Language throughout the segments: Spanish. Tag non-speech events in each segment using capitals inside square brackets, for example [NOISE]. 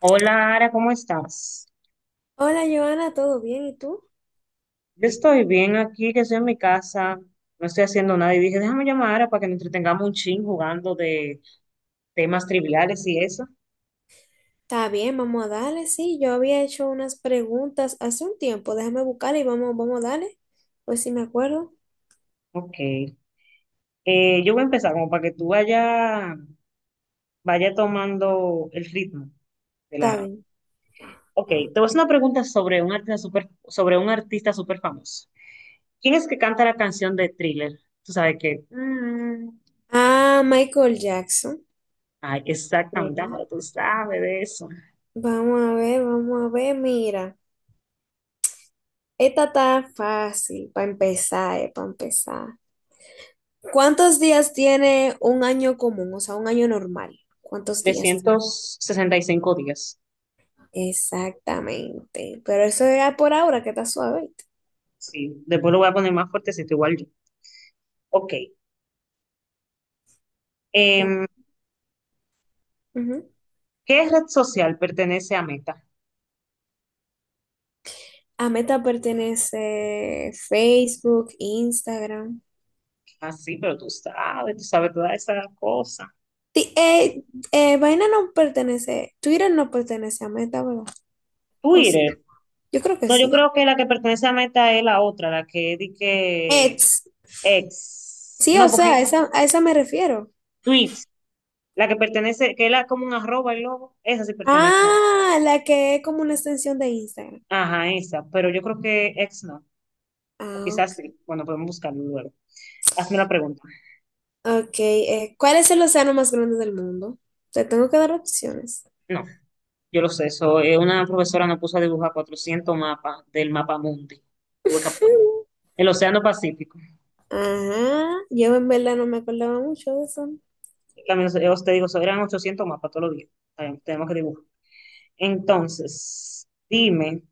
Hola, Ara, ¿cómo estás? Hola, Joana, ¿todo bien? ¿Y tú? Yo estoy bien aquí, que estoy en mi casa, no estoy haciendo nada y dije, déjame llamar a Ara para que nos entretengamos un chin jugando de temas triviales y eso. Está bien, vamos a darle. Sí, yo había hecho unas preguntas hace un tiempo. Déjame buscar y vamos a darle. Pues si me acuerdo, Ok. Yo voy a empezar como para que tú vaya tomando el ritmo de está la... bien. Ok, te voy a hacer una pregunta sobre un artista súper famoso. ¿Quién es que canta la canción de Thriller? Tú sabes que... Ah, Michael Jackson. ay, exactamente, Sí. ahora tú sabes de eso. Vamos a ver. Mira, esta está fácil para empezar, para empezar. ¿Cuántos días tiene un año común? O sea, un año normal. ¿Cuántos días? 365 días. Exactamente. Pero eso era por ahora, que está suave, ¿oíste? Sí, después lo voy a poner más fuertecito, igual yo. Ok. No. em, Ujú. ¿Qué red social pertenece a Meta? A Meta pertenece Facebook, Instagram. Ah, sí, pero tú sabes todas esas cosas. Ti- Ok. eh, Vaina no pertenece, Twitter no pertenece a Meta, ¿verdad? O sí, Twitter. yo creo que No, yo sí. creo que la que pertenece a Meta es la otra, la que di que X. ex. Sí, o No, sea, porque esa, a esa me refiero. tweets, la que pertenece, que es como un arroba el logo, esa sí pertenece. Ah, la que es como una extensión de Instagram. Ajá, esa, pero yo creo que ex no. O Ah, quizás sí. ok. Bueno, podemos buscarlo luego. Hazme la pregunta. Ok, ¿cuál es el océano más grande del mundo? Te tengo que dar opciones. No. Yo lo sé, eso, una profesora nos puso a dibujar 400 mapas del mapa mundi. Tuve que- [LAUGHS] el Océano Pacífico. Ajá, yo en verdad no me acordaba mucho de eso. También, os te digo, eso eran 800 mapas todos los días. Tenemos que dibujar. Entonces, dime,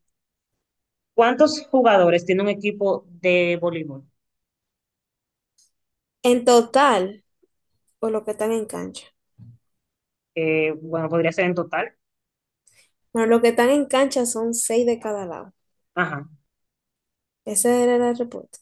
¿cuántos jugadores tiene un equipo de voleibol? En total, o lo que están en cancha. Bueno, podría ser en total. Bueno, los que están en cancha son seis de cada lado. Ajá. Ese era el reporte.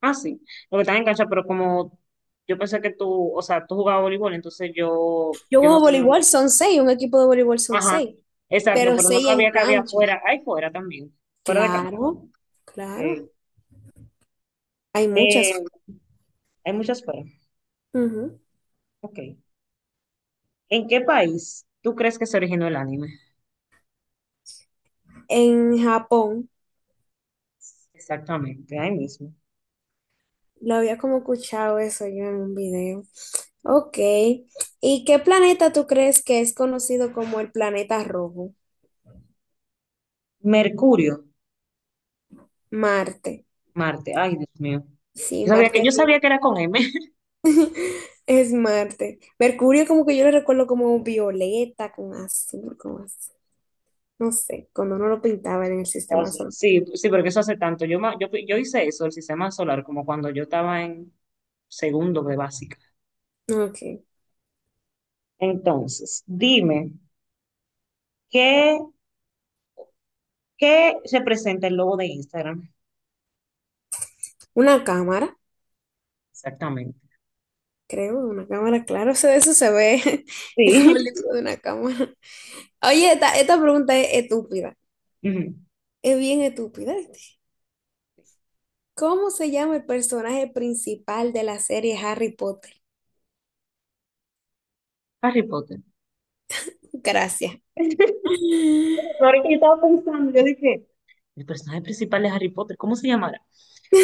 Ah, sí. Lo que están en cancha, pero como yo pensé que tú, o sea, tú jugabas voleibol, entonces yo, Yo yo no juego sé. voleibol, son seis, un equipo de voleibol son Ajá. seis, Exacto, pero pero no seis en sabía que había cancha. fuera. Hay fuera también, fuera de cancha. Claro, eh, claro. Hay Eh, muchas. Hay muchas formas. Ujú. Ok. ¿En qué país tú crees que se originó el anime? En Japón, Exactamente, ahí mismo. lo había como escuchado eso yo en un video. Ok. ¿Y qué planeta tú crees que es conocido como el planeta rojo? Mercurio, Marte. Marte. Ay, Dios mío. Sí, Marte Yo sabía que era con M. [LAUGHS] es Marte. Mercurio como que yo lo recuerdo como violeta, con azul, con azul. No sé, cuando no lo pintaban en el Oh, sistema sí, solar. sí, sí, porque eso hace tanto. Yo hice eso, el sistema solar, como cuando yo estaba en segundo de básica. Ok. Entonces, dime, ¿qué, ¿qué representa el logo de Instagram? Una cámara, Exactamente. creo, una cámara, claro, [LAUGHS] eso se ve, [LAUGHS] es Sí. como el libro de una cámara. Oye, esta pregunta es estúpida, [LAUGHS] Ujú. es bien estúpida. ¿Cómo se llama el personaje principal de la serie Harry Potter? Harry Potter. Gracias. [LAUGHS] Ahorita yo estaba pensando, yo dije, el personaje principal de Harry Potter, ¿cómo se llamará?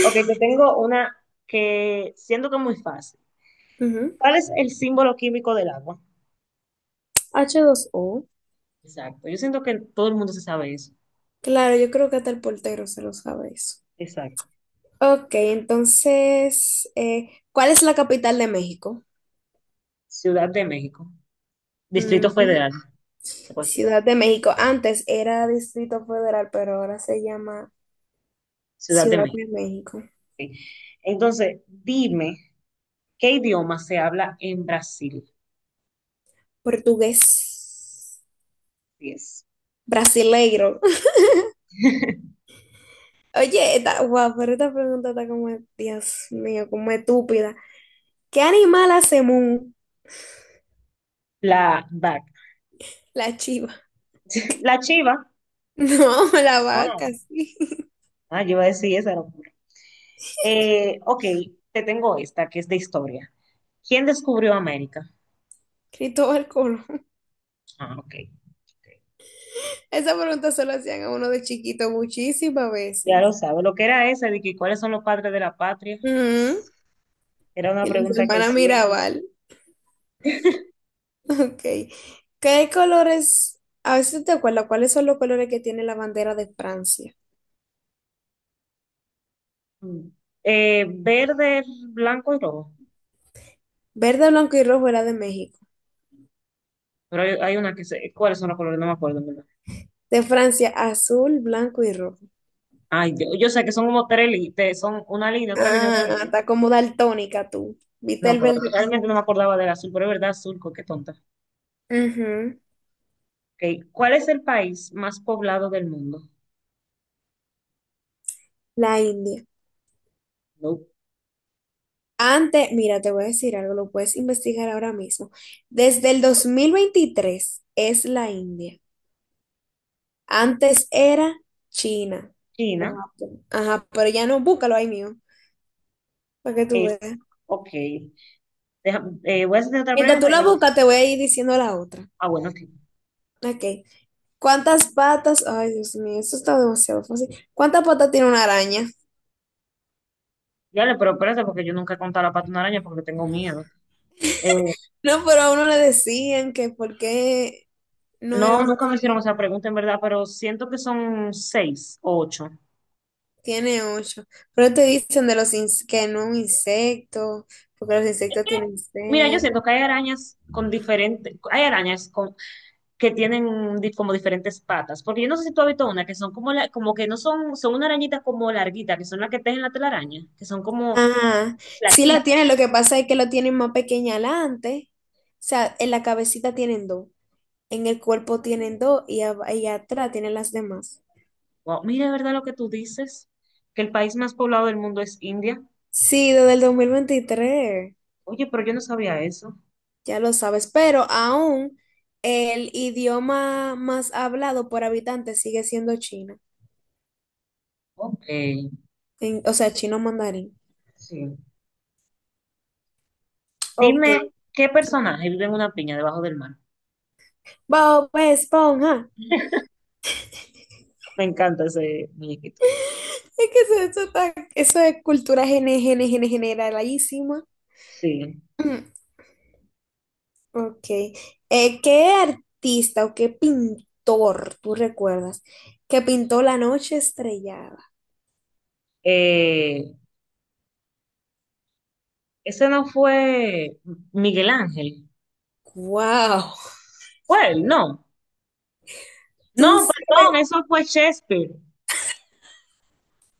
Ok, te tengo una que siento que es muy fácil. Ujú. ¿Cuál es el símbolo químico del agua? H dos o. Exacto. Yo siento que todo el mundo se sabe eso. Claro, yo creo que hasta el portero se lo sabe eso. Exacto. Ok, entonces, ¿cuál es la capital de México? Ciudad de México. Distrito Ujú. Federal. Pues, Ciudad de México. Antes era Distrito Federal, pero ahora se llama Ciudad de Ciudad México. de México. Ok. Entonces, dime, ¿qué idioma se habla en Brasil? Portugués. Yes. Brasileiro. [LAUGHS] [LAUGHS] Oye, wow, pero esta pregunta está como, Dios mío, como estúpida. ¿Qué animal hace mu? La DAC. La chiva. [LAUGHS] La chiva. No, la Ah, vaca, sí. ah, yo iba a decir esa locura. Ok, te tengo esta que es de historia. ¿Quién descubrió América? [LAUGHS] Cristóbal Colón. Ah, ok, ok. Esa pregunta se la hacían a uno de chiquito muchísimas Ya veces. lo sabe. Lo que era esa de que cuáles son los padres de la patria, Ujú. era una Y las pregunta que hermanas siempre. Mirabal. Ok. ¿Qué colores? A ver si te acuerdas, ¿cuáles son los colores que tiene la bandera de Francia? Mm. Verde, blanco y rojo. Verde, blanco y rojo era de México. Pero hay una que sé. ¿Cuáles son los colores? No me acuerdo, ¿en verdad? De Francia, azul, blanco y rojo. Ay, yo sé que son como tres líneas, son una línea, otra línea, otra Ah, línea. está como daltónica tú. ¿Viste No, el pero verde realmente no como? me acordaba del azul, pero es verdad, qué tonta. Ujú. Ok, ¿cuál es el país más poblado del mundo? La India. No, Antes, mira, te voy a decir algo, lo puedes investigar ahora mismo. Desde el 2023 es la India. Antes era China o China. Japón. Ajá, pero ya no, búscalo ahí mío, para que tú Es, veas. ok. Voy a hacer otra Mientras tú pregunta. la buscas, te voy a ir diciendo la otra. Ah, bueno, ok. Ok. ¿Cuántas patas? Ay, Dios mío, esto está demasiado fácil. ¿Cuántas patas tiene una araña? [LAUGHS] Ya le, pero espérate, porque yo nunca he contado la pata de una araña porque tengo miedo. Eh, No, pero a uno le decían que por qué no no, era un nunca me hicieron insecto. esa pregunta, en verdad, pero siento que son seis o ocho. Tiene ocho. Pero te dicen de los que no un insecto, porque los Es insectos que, tienen Mira, yo seis. siento que hay arañas con diferentes, hay arañas con, como diferentes patas, porque yo no sé si tú has visto una que son como, como que no son, son una arañita como larguita, que son las que tejen la telaraña, que son como Ajá. Sí la plaquitas. tienen, lo que pasa es que lo tienen más pequeña adelante. O sea, en la cabecita tienen dos, en el cuerpo tienen dos y, y atrás tienen las demás. Wow, mira, de verdad lo que tú dices, que el país más poblado del mundo es India. Sí, desde el 2023 Oye, pero yo no sabía eso. ya lo sabes, pero aún el idioma más hablado por habitante sigue siendo chino, Ok, o sea, chino mandarín. sí. Ok. Dime, ¿qué personaje vive en una piña debajo del mar? Bob Esponja. Me encanta ese muñequito. Es que eso es cultura generalísima. [CLEARS THROAT] Sí. Mm. Ok. ¿Qué artista o qué pintor tú recuerdas que pintó La noche estrellada? Eh, Ese no fue Miguel Ángel. ¡Wow! Fue él. No. Tú No, sí- perdón, eso fue Shakespeare.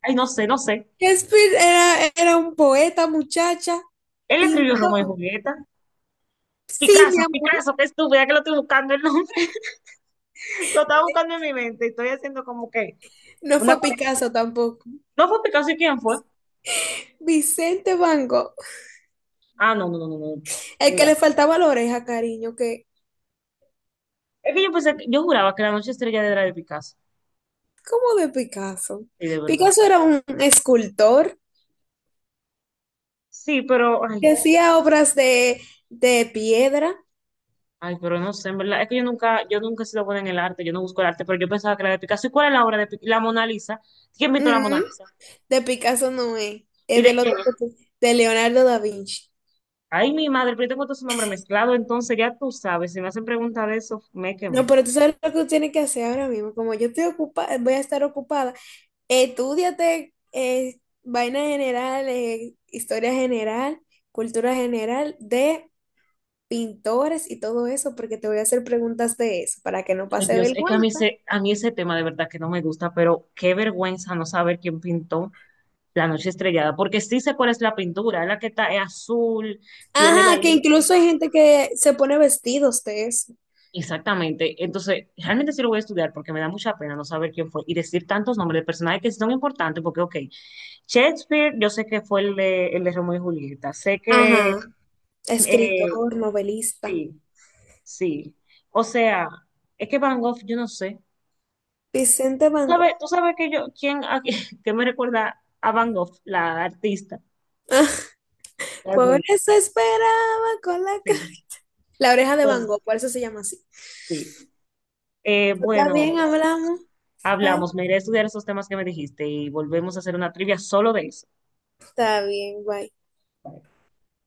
Ay, no sé, no sé. Shakespeare era un poeta, muchacha. Él escribió Romeo y Pintó. Julieta. Sí, mi amor. Picasso, qué estúpida que lo estoy buscando el nombre. [LAUGHS] Lo estaba buscando en mi mente y estoy haciendo como que No una fue conexión. Picasso tampoco. ¿No fue Picasso y quién fue? Vicente Van Gogh. Ah, no, no, no, no. El que Mira, le faltaba la oreja, cariño, que, es que yo pensé, que- yo juraba que la noche estrella era de Picasso. ¿cómo de Picasso? Sí, de verdad. Picasso era un escultor Sí, pero, ay, que hacía obras de piedra. ay, pero no sé, en verdad, es que yo nunca he sido buena en el arte, yo no busco el arte, pero yo pensaba que era de Picasso. ¿Y cuál es la obra de Picasso? La Mona Lisa. ¿Quién pintó la Mona Ujú. Lisa? De Picasso no es. ¿Y Es de del otro, quién es? que tú- de Leonardo da Vinci. Ay, mi madre, pero yo tengo todo su nombre mezclado, entonces ya tú sabes, si me hacen pregunta de eso, me No, quemé. pero tú sabes lo que tú tienes que hacer ahora mismo. Como yo estoy ocupada, voy a estar ocupada, estúdiate vaina general, historia general, cultura general de pintores y todo eso, porque te voy a hacer preguntas de eso para que no Ay, pase Dios, es que vergüenza. A mí ese tema de verdad que no me gusta, pero qué vergüenza no saber quién pintó La Noche Estrellada, porque sí sé cuál es la pintura, es la que está, es azul, tiene la Ajá, que luna. incluso hay gente que se pone vestidos de eso. Exactamente. Entonces, realmente sí lo voy a estudiar porque me da mucha pena no saber quién fue y decir tantos nombres de personajes que sí son importantes porque, ok, Shakespeare, yo sé que fue el de Romeo y Julieta, sé que, Ajá, eh, escritor, novelista. sí, sí. O sea, es que Van Gogh, yo no sé. Vicente Van Gogh. Tú sabes que yo, quién, a- [LAUGHS] que me recuerda a Van Gogh, la artista? [LAUGHS] Por Realmente, eso esperaba con sí. la oreja de Van Pues, Gogh, por eso se llama así. sí. Está bien, Bueno, hablamos. hablamos, Bye. me iré a estudiar esos temas que me dijiste y volvemos a hacer una trivia solo de eso. Está bien, bye.